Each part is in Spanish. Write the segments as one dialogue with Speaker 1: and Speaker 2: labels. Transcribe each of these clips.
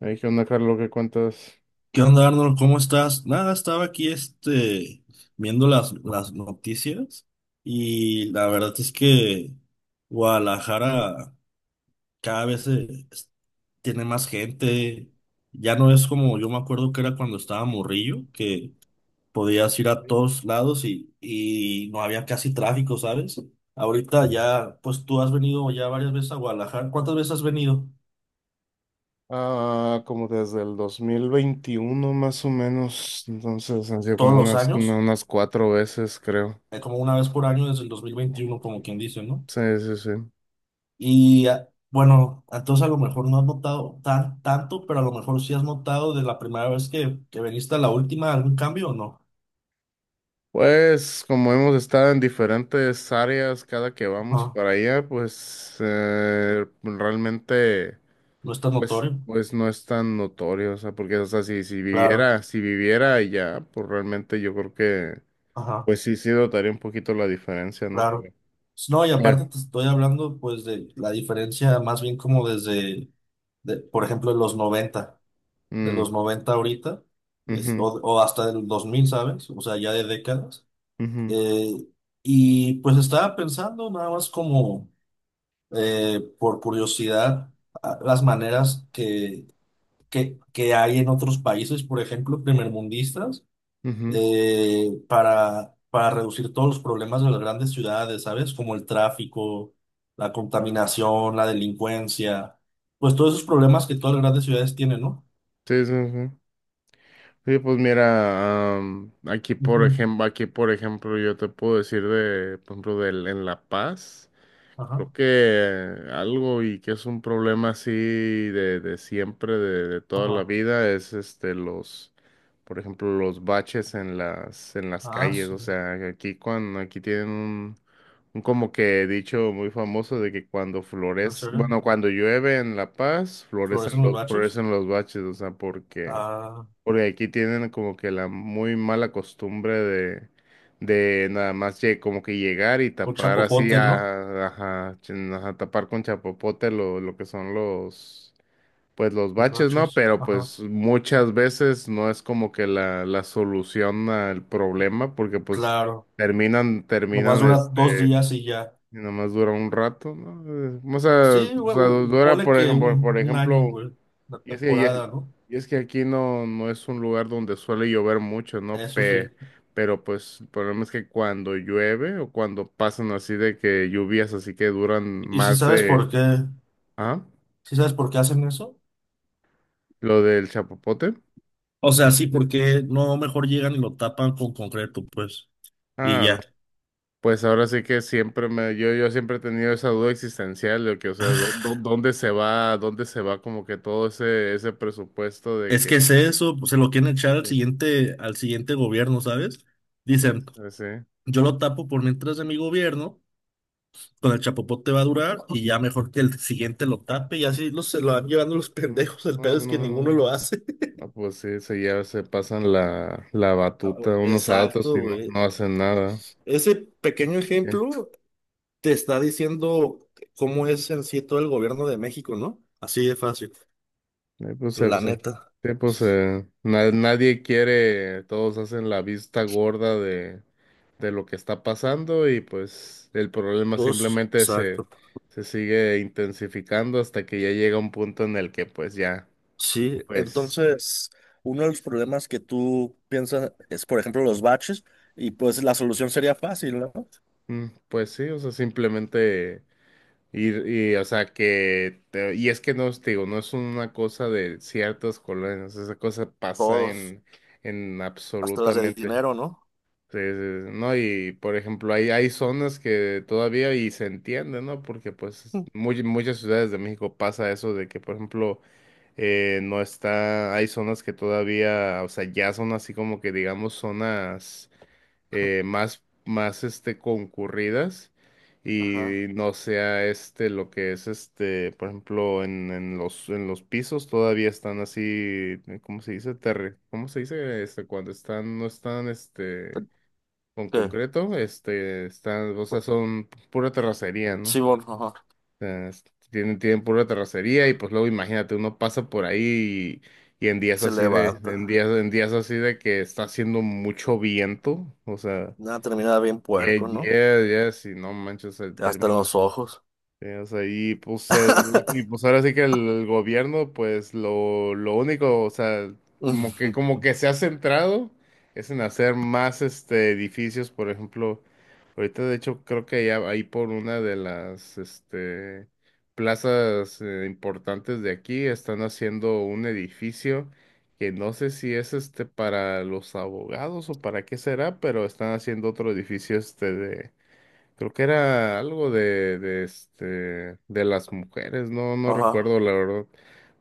Speaker 1: Hay que onda, Carlos, ¿qué cuentas?
Speaker 2: ¿Qué onda, Arnold? ¿Cómo estás? Nada, estaba aquí viendo las noticias y la verdad es que Guadalajara cada vez tiene más gente. Ya no es como yo me acuerdo que era cuando estaba morrillo, que podías ir a
Speaker 1: Ok.
Speaker 2: todos lados y no había casi tráfico, ¿sabes? Ahorita ya, pues tú has venido ya varias veces a Guadalajara. ¿Cuántas veces has venido?
Speaker 1: Ah, como desde el 2021 más o menos, entonces han sido
Speaker 2: ¿Todos
Speaker 1: como
Speaker 2: los
Speaker 1: unas,
Speaker 2: años?
Speaker 1: unas cuatro veces, creo.
Speaker 2: Como una vez por año desde el 2021 como quien dice, ¿no?
Speaker 1: Sí, sí, sí.
Speaker 2: Y bueno, entonces a lo mejor no has notado tanto, pero a lo mejor sí has notado de la primera vez que viniste a la última algún cambio o no.
Speaker 1: Pues como hemos estado en diferentes áreas cada que vamos
Speaker 2: Ajá.
Speaker 1: para allá, pues realmente,
Speaker 2: No es tan notorio.
Speaker 1: pues no es tan notorio, o sea, porque o sea, si
Speaker 2: Claro,
Speaker 1: viviera, si viviera allá, pues realmente yo creo que,
Speaker 2: ajá,
Speaker 1: pues sí, sí notaría un poquito la diferencia, ¿no?
Speaker 2: claro.
Speaker 1: Pero,
Speaker 2: No, y
Speaker 1: eh,
Speaker 2: aparte te estoy hablando pues de la diferencia más bien como de, por ejemplo, de los noventa de
Speaker 1: mm,
Speaker 2: los noventa ahorita, o,
Speaker 1: ujú.
Speaker 2: o hasta del 2000, ¿sabes? O sea, ya de décadas.
Speaker 1: Ujú,
Speaker 2: Eh, y pues estaba pensando nada más como, por curiosidad, las maneras que hay en otros países, por ejemplo, primermundistas,
Speaker 1: ujú.
Speaker 2: para, reducir todos los problemas de las grandes ciudades, ¿sabes? Como el tráfico, la contaminación, la delincuencia, pues todos esos problemas que todas las grandes ciudades tienen, ¿no?
Speaker 1: Sí, sí, sí. Sí, pues mira,
Speaker 2: Ujú.
Speaker 1: aquí por ejemplo, yo te puedo decir por ejemplo, en La Paz. Creo
Speaker 2: Ajá,
Speaker 1: que algo que es un problema así de siempre, de toda la
Speaker 2: ajá.
Speaker 1: vida, es los, por ejemplo, los baches en las
Speaker 2: Ah,
Speaker 1: calles.
Speaker 2: sí.
Speaker 1: O sea, que aquí aquí tienen un como que dicho muy famoso de que
Speaker 2: ¿En serio?
Speaker 1: cuando llueve en La Paz,
Speaker 2: ¿Florecen los bachos?
Speaker 1: florecen los baches, o sea, porque
Speaker 2: Ah,
Speaker 1: porque aquí tienen como que la muy mala costumbre de nada más como que llegar y
Speaker 2: con
Speaker 1: tapar así,
Speaker 2: chapopotes, ¿no?
Speaker 1: a, ajá, ch- ajá, tapar con chapopote lo que son los, pues los
Speaker 2: Los
Speaker 1: baches, ¿no?
Speaker 2: baches.
Speaker 1: Pero
Speaker 2: Ajá.
Speaker 1: pues muchas veces no es como que la solución al problema, porque pues
Speaker 2: Claro.
Speaker 1: terminan,
Speaker 2: Nomás
Speaker 1: terminan
Speaker 2: dura dos
Speaker 1: este,
Speaker 2: días y ya.
Speaker 1: y nada más dura un rato, ¿no?
Speaker 2: Sí,
Speaker 1: O
Speaker 2: güey,
Speaker 1: sea, dura,
Speaker 2: ponle que un,
Speaker 1: por
Speaker 2: un año,
Speaker 1: ejemplo,
Speaker 2: güey, la
Speaker 1: y es que, y es,
Speaker 2: temporada, ¿no?
Speaker 1: y es que aquí no, no es un lugar donde suele llover mucho, ¿no?
Speaker 2: Eso sí.
Speaker 1: Pero pues el problema es que cuando llueve o cuando pasan así de que lluvias así que duran
Speaker 2: ¿Y si
Speaker 1: más
Speaker 2: sabes por
Speaker 1: de...
Speaker 2: qué?
Speaker 1: ¿Ah?
Speaker 2: ¿Si sabes por qué hacen eso?
Speaker 1: Lo del chapopote.
Speaker 2: O sea, sí, porque no mejor llegan y lo tapan con concreto, pues, y
Speaker 1: Ah, no.
Speaker 2: ya.
Speaker 1: Pues ahora sí que siempre me... yo siempre he tenido esa duda existencial de que, o sea, ¿dónde se va? ¿Dónde se va como que todo ese, ese presupuesto de
Speaker 2: Es
Speaker 1: que...
Speaker 2: que es eso, pues, se lo quieren echar
Speaker 1: Pues
Speaker 2: al
Speaker 1: sí,
Speaker 2: siguiente, al siguiente gobierno, ¿sabes? Dicen,
Speaker 1: pues, pues sí.
Speaker 2: yo lo tapo por mientras de mi gobierno, con el chapopote va a durar, y ya mejor que el siguiente lo tape, y así se lo van llevando los
Speaker 1: Mm,
Speaker 2: pendejos, el
Speaker 1: no,
Speaker 2: pedo
Speaker 1: no,
Speaker 2: es que ninguno
Speaker 1: no.
Speaker 2: lo hace.
Speaker 1: Ah, pues sí, se, ya se pasan la batuta unos a otros y
Speaker 2: Exacto,
Speaker 1: no,
Speaker 2: güey.
Speaker 1: no hacen nada.
Speaker 2: Ese pequeño
Speaker 1: ¿Qué?
Speaker 2: ejemplo te está diciendo cómo es en sí todo el gobierno de México, ¿no? Así de fácil,
Speaker 1: Eh, pues, se-
Speaker 2: la
Speaker 1: se-
Speaker 2: neta.
Speaker 1: sí, pues, nadie quiere, todos hacen la vista gorda de lo que está pasando y pues el problema
Speaker 2: Todos,
Speaker 1: simplemente
Speaker 2: exacto.
Speaker 1: se sigue intensificando hasta que ya llega un punto en el que pues ya,
Speaker 2: Sí,
Speaker 1: pues,
Speaker 2: entonces, uno de los problemas que tú piensas es, por ejemplo, los baches, y pues la solución sería fácil, ¿no?
Speaker 1: mm, pues sí, o sea, simplemente... o sea, y es que no, te digo, no es una cosa de ciertas colonias, esa cosa pasa
Speaker 2: Todos,
Speaker 1: en
Speaker 2: hasta las de
Speaker 1: absolutamente.
Speaker 2: dinero, ¿no?
Speaker 1: Sí, sí, sí, no, y por ejemplo, hay zonas que todavía y se entiende, ¿no? Porque pues muy, muchas ciudades de México pasa eso de que, por ejemplo, no está, hay zonas que todavía, o sea, ya son así como que digamos zonas más, concurridas
Speaker 2: Ajá.
Speaker 1: y no sea este lo que es este, por ejemplo, en los pisos todavía están así, ¿cómo se dice? Terre, ¿cómo se dice? Este, cuando están, no están, este con
Speaker 2: ¿Qué?
Speaker 1: concreto, este, están, o sea, son pura terracería, ¿no?
Speaker 2: Sí,
Speaker 1: O
Speaker 2: bueno, ajá.
Speaker 1: sea, tienen, tienen pura terracería y pues luego imagínate, uno pasa por ahí y en días
Speaker 2: Se
Speaker 1: así de,
Speaker 2: levanta.
Speaker 1: en días así de que está haciendo mucho viento, o sea,
Speaker 2: Nada, termina bien
Speaker 1: yeah,
Speaker 2: puerco, ¿no?
Speaker 1: ya si no manches,
Speaker 2: Hasta en los ojos.
Speaker 1: o sea, y pues, y pues ahora sí que el gobierno, pues lo único, o sea,
Speaker 2: Ujú,
Speaker 1: como que se ha centrado es en hacer más este edificios, por ejemplo, ahorita de hecho creo que ya ahí por una de las este plazas importantes de aquí están haciendo un edificio que no sé si es este para los abogados o para qué será, pero están haciendo otro edificio este. Creo que era algo de este de las mujeres, no, no
Speaker 2: ajá,
Speaker 1: recuerdo la verdad.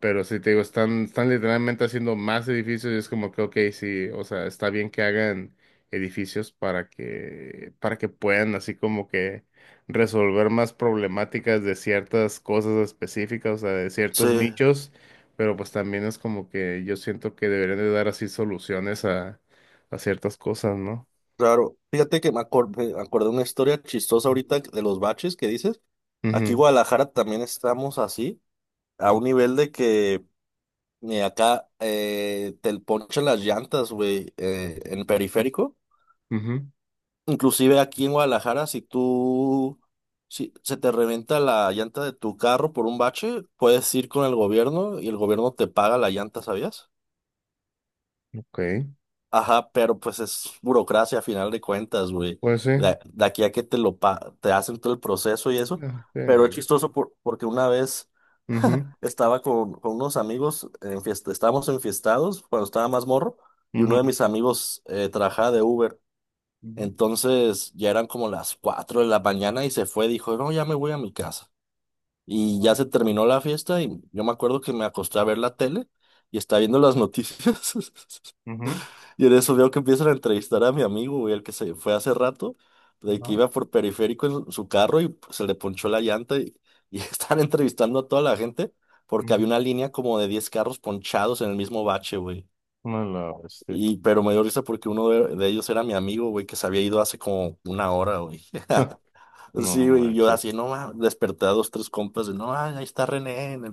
Speaker 1: Pero sí te digo, están, están literalmente haciendo más edificios y es como que ok, sí, o sea, está bien que hagan edificios para que puedan así como que resolver más problemáticas de ciertas cosas específicas, o sea, de
Speaker 2: sí.
Speaker 1: ciertos nichos, pero pues también es como que yo siento que deberían de dar así soluciones a ciertas cosas, ¿no?
Speaker 2: Claro, fíjate que me acordé de una historia chistosa ahorita de los baches que dices. Aquí en
Speaker 1: Ujú,
Speaker 2: Guadalajara también estamos así, a un nivel de que acá te ponchan las llantas, güey, en periférico.
Speaker 1: ujú,
Speaker 2: Inclusive aquí en Guadalajara, si se te reventa la llanta de tu carro por un bache, puedes ir con el gobierno y el gobierno te paga la llanta, ¿sabías?
Speaker 1: ok.
Speaker 2: Ajá, pero pues es burocracia a final de cuentas, güey.
Speaker 1: Pues sí.
Speaker 2: Aquí a que te hacen todo el proceso y eso.
Speaker 1: Ah,
Speaker 2: Pero es
Speaker 1: claro.
Speaker 2: chistoso porque una vez
Speaker 1: Ujú,
Speaker 2: estaba con unos amigos, en fiesta, estábamos enfiestados cuando estaba más morro, y uno
Speaker 1: ujú,
Speaker 2: de mis amigos trabajaba de Uber.
Speaker 1: ujú,
Speaker 2: Entonces ya eran como las 4 de la mañana y se fue, dijo, no, ya me voy a mi casa. Y
Speaker 1: ajá,
Speaker 2: ya se terminó la fiesta y yo me acuerdo que me acosté a ver la tele y estaba viendo las noticias.
Speaker 1: ujú,
Speaker 2: Y en eso veo que empiezan a entrevistar a mi amigo, güey, el que se fue hace rato, de que
Speaker 1: ajá,
Speaker 2: iba por periférico en su carro y pues, se le ponchó la llanta y están entrevistando a toda la gente porque había
Speaker 1: ujú.
Speaker 2: una línea como de 10 carros ponchados en el mismo bache, güey.
Speaker 1: No la bestia.
Speaker 2: Y, pero me dio risa porque uno de ellos era mi amigo, güey, que se había ido hace como una hora, güey.
Speaker 1: Ah, no
Speaker 2: Sí, güey, yo
Speaker 1: manches.
Speaker 2: así, no, ma, desperté a dos, tres compas no, ahí está René, en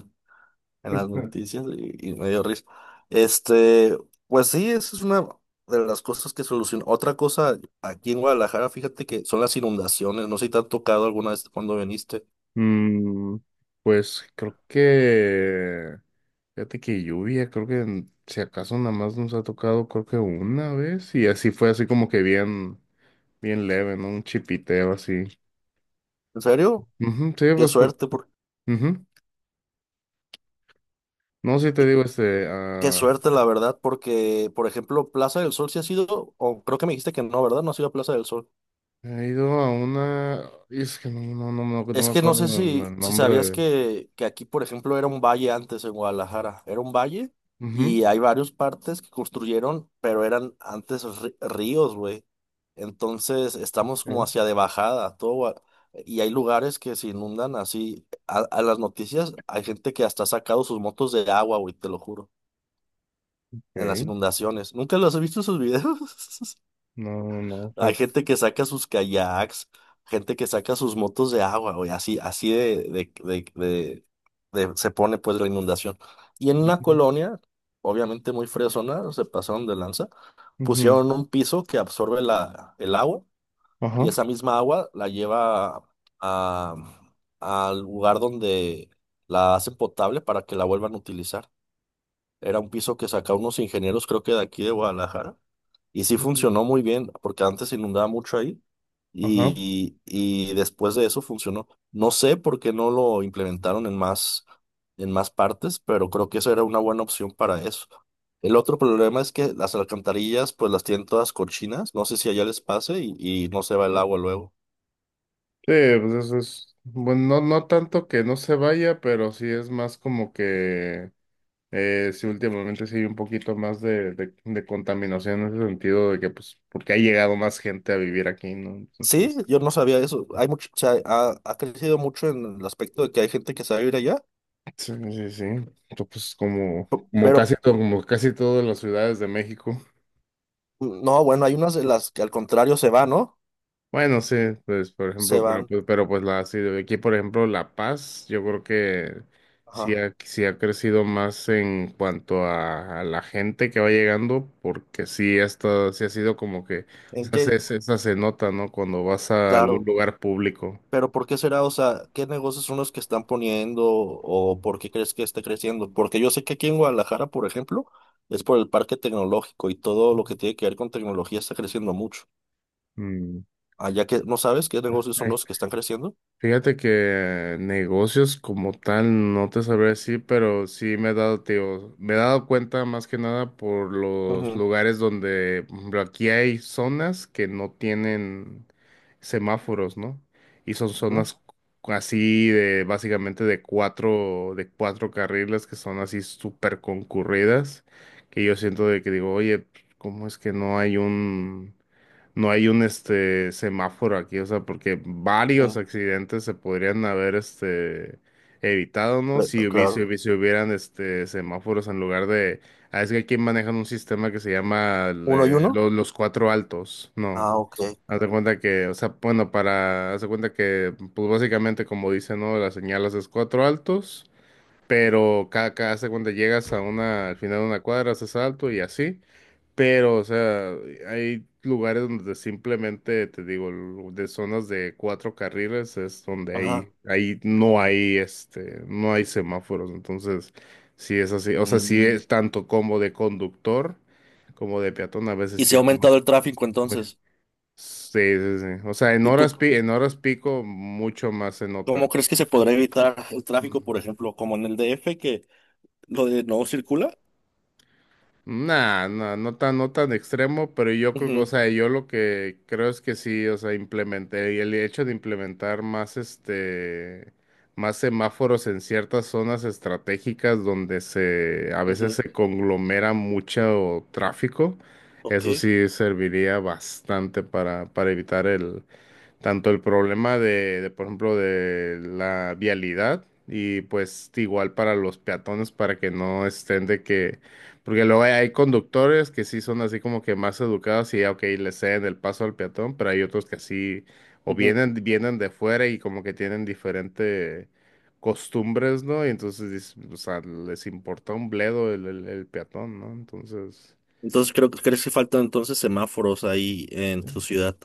Speaker 2: las noticias y me dio risa. Este, pues sí, esa es una de las cosas que soluciona. Otra cosa, aquí en Guadalajara, fíjate que son las inundaciones. No sé si te han tocado alguna vez cuando viniste.
Speaker 1: Mm, pues creo que. Fíjate que lluvia, creo que si acaso nada más nos ha tocado, creo que una vez. Y así fue así como que bien, bien leve, ¿no? Un chipiteo así.
Speaker 2: ¿En serio?
Speaker 1: Ujú, sí,
Speaker 2: Qué
Speaker 1: pues por.
Speaker 2: suerte,
Speaker 1: Ujú. No, sí te digo, este.
Speaker 2: qué
Speaker 1: Ah,
Speaker 2: suerte, la verdad, porque, por ejemplo, Plaza del Sol sí ha sido, o creo que me dijiste que no, ¿verdad? No ha sido Plaza del Sol.
Speaker 1: he ido a una. Y es que no, no, no, no, no
Speaker 2: Es
Speaker 1: me
Speaker 2: que no
Speaker 1: acuerdo
Speaker 2: sé si,
Speaker 1: el
Speaker 2: si
Speaker 1: nombre
Speaker 2: sabías
Speaker 1: de.
Speaker 2: que aquí, por ejemplo, era un valle antes en Guadalajara. Era un valle
Speaker 1: Ujú,
Speaker 2: y hay varios partes que construyeron, pero eran antes ríos, güey. Entonces estamos como
Speaker 1: ok,
Speaker 2: hacia de bajada, todo. Y hay lugares que se inundan así. A las noticias hay gente que hasta ha sacado sus motos de agua, güey, te lo juro, en las
Speaker 1: ok.
Speaker 2: inundaciones. ¿Nunca los has visto sus videos?
Speaker 1: No, no, no,
Speaker 2: Hay
Speaker 1: fíjate.
Speaker 2: gente que saca sus kayaks, gente que saca sus motos de agua, güey, así, así de se pone pues la inundación. Y en una
Speaker 1: Ujú,
Speaker 2: colonia, obviamente muy fresona, se pasaron de lanza,
Speaker 1: ujú,
Speaker 2: pusieron un piso que absorbe el agua y
Speaker 1: ajá.
Speaker 2: esa misma agua la lleva a, al lugar donde la hacen potable para que la vuelvan a utilizar. Era un piso que sacaron unos ingenieros, creo que de aquí de Guadalajara y sí
Speaker 1: Ujú,
Speaker 2: funcionó muy bien, porque antes se inundaba mucho ahí
Speaker 1: ajá.
Speaker 2: y después de eso funcionó. No sé por qué no lo implementaron en más partes, pero creo que eso era una buena opción para eso. El otro problema es que las alcantarillas pues las tienen todas cochinas, no sé si allá les pase y no se va el agua luego.
Speaker 1: Sí, pues eso es. Bueno, no, no tanto que no se vaya, pero sí es más como que. Sí, últimamente sí hay un poquito más de contaminación en ese sentido de que, pues, porque ha llegado más gente a vivir aquí, ¿no?
Speaker 2: Sí,
Speaker 1: Entonces.
Speaker 2: yo no sabía eso. Hay mucho, o sea, ha crecido mucho en el aspecto de que hay gente que se va a ir allá,
Speaker 1: Sí, sí, sí. Entonces, pues como,
Speaker 2: p-
Speaker 1: como
Speaker 2: pero
Speaker 1: casi, como casi todas las ciudades de México.
Speaker 2: no, bueno, hay unas de las que al contrario se van, ¿no?
Speaker 1: Bueno, sí, pues por
Speaker 2: Se
Speaker 1: ejemplo,
Speaker 2: van.
Speaker 1: pero pues la sí, de aquí, por ejemplo, La Paz, yo creo que
Speaker 2: Ajá.
Speaker 1: sí ha crecido más en cuanto a la gente que va llegando, porque sí, hasta, sí ha sido como que, o
Speaker 2: ¿En
Speaker 1: sea,
Speaker 2: qué,
Speaker 1: se, esa se nota, ¿no? Cuando vas a algún
Speaker 2: claro,
Speaker 1: lugar público.
Speaker 2: pero ¿por qué será? O sea, ¿qué negocios son los que están poniendo o por qué crees que esté creciendo? Porque yo sé que aquí en Guadalajara, por ejemplo, es por el parque tecnológico y todo lo que tiene que ver con tecnología está creciendo mucho.
Speaker 1: Mm.
Speaker 2: Allá que no sabes qué negocios son los que están creciendo.
Speaker 1: Fíjate que negocios como tal no te sabré decir, pero sí me he dado, te digo, me he dado cuenta más que nada por los
Speaker 2: Ujú,
Speaker 1: lugares donde, por ejemplo, aquí hay zonas que no tienen semáforos, ¿no? Y son
Speaker 2: ujú,
Speaker 1: zonas así de, básicamente de cuatro carriles que son así súper concurridas, que yo siento de que digo, oye, ¿cómo es que no hay un este semáforo aquí, o sea, porque varios
Speaker 2: ujú.
Speaker 1: accidentes se podrían haber este evitado, ¿no?
Speaker 2: Claro.
Speaker 1: Si hubieran este semáforos en lugar de, ah, es que aquí manejan un sistema que se llama
Speaker 2: ¿Uno y uno?
Speaker 1: los cuatro altos, ¿no?
Speaker 2: Ah, ok.
Speaker 1: Haz de cuenta que, o sea, bueno, para, haz de cuenta que, pues básicamente como dice, ¿no? Las señalas es cuatro altos, pero cada, haz de cuenta llegas a una, al final de una cuadra, haces alto y así. Pero, o sea, hay lugares donde simplemente, te digo, de zonas de cuatro carriles es donde
Speaker 2: Ajá.
Speaker 1: ahí no hay, este, no hay semáforos. Entonces, sí es así. O sea, sí
Speaker 2: Mm.
Speaker 1: es tanto como de conductor como de peatón, a veces
Speaker 2: ¿Y
Speaker 1: sí
Speaker 2: se ha
Speaker 1: es
Speaker 2: aumentado el tráfico
Speaker 1: muy-
Speaker 2: entonces?
Speaker 1: sí, sí, sí. O sea, en
Speaker 2: ¿Y tú
Speaker 1: en horas pico mucho más se nota.
Speaker 2: cómo crees que se podrá evitar el tráfico, por
Speaker 1: Mm.
Speaker 2: ejemplo, como en el DF, que lo de no circula?
Speaker 1: Nah, no tan, no tan extremo, pero yo creo que, o
Speaker 2: Ujú,
Speaker 1: sea, yo lo que creo es que sí, o sea, implementé, y el hecho de implementar más semáforos en ciertas zonas estratégicas donde se, a veces
Speaker 2: ujú.
Speaker 1: se conglomera mucho tráfico,
Speaker 2: Ok.
Speaker 1: eso sí serviría bastante para evitar tanto el problema de, por ejemplo, de la vialidad y pues igual para los peatones para que no estén de que, porque luego hay, hay conductores que sí son así como que más educados y ya, ok, le ceden el paso al peatón, pero hay otros que así o
Speaker 2: Ujú.
Speaker 1: vienen, vienen de fuera y como que tienen diferente costumbres, ¿no? Y entonces, dices, o sea, les importa un bledo el peatón, ¿no? Entonces...
Speaker 2: Entonces creo que crees que faltan entonces semáforos ahí en tu ciudad.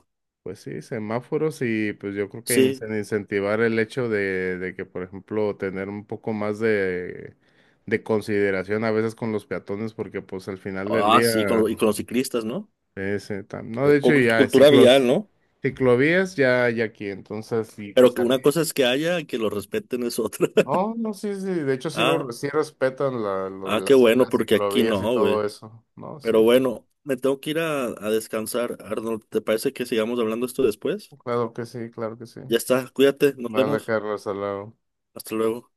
Speaker 1: Pues sí, semáforos y pues yo creo que
Speaker 2: Sí.
Speaker 1: incentivar el hecho de que, por ejemplo, tener un poco más de consideración a veces con los peatones, porque pues al final del
Speaker 2: Ah,
Speaker 1: día,
Speaker 2: sí, y con los ciclistas, ¿no?
Speaker 1: no, de hecho ya
Speaker 2: Cultura vial, ¿no?
Speaker 1: ciclovías ya, ya aquí, entonces sí, pues
Speaker 2: Pero
Speaker 1: se
Speaker 2: que una cosa es que haya y que lo respeten es otra.
Speaker 1: no, no, sí, sí, de hecho sí,
Speaker 2: Ah,
Speaker 1: sí respetan
Speaker 2: ah, qué bueno,
Speaker 1: las
Speaker 2: porque aquí
Speaker 1: ciclovías y
Speaker 2: no,
Speaker 1: todo
Speaker 2: güey.
Speaker 1: eso, ¿no? Sí,
Speaker 2: Pero
Speaker 1: sí,
Speaker 2: bueno, me tengo que ir a descansar, Arnold. ¿Te parece que sigamos hablando esto después?
Speaker 1: claro que sí, claro que sí.
Speaker 2: Ya está, cuídate, nos
Speaker 1: Dale,
Speaker 2: vemos.
Speaker 1: Carlos, al lado.
Speaker 2: Hasta luego.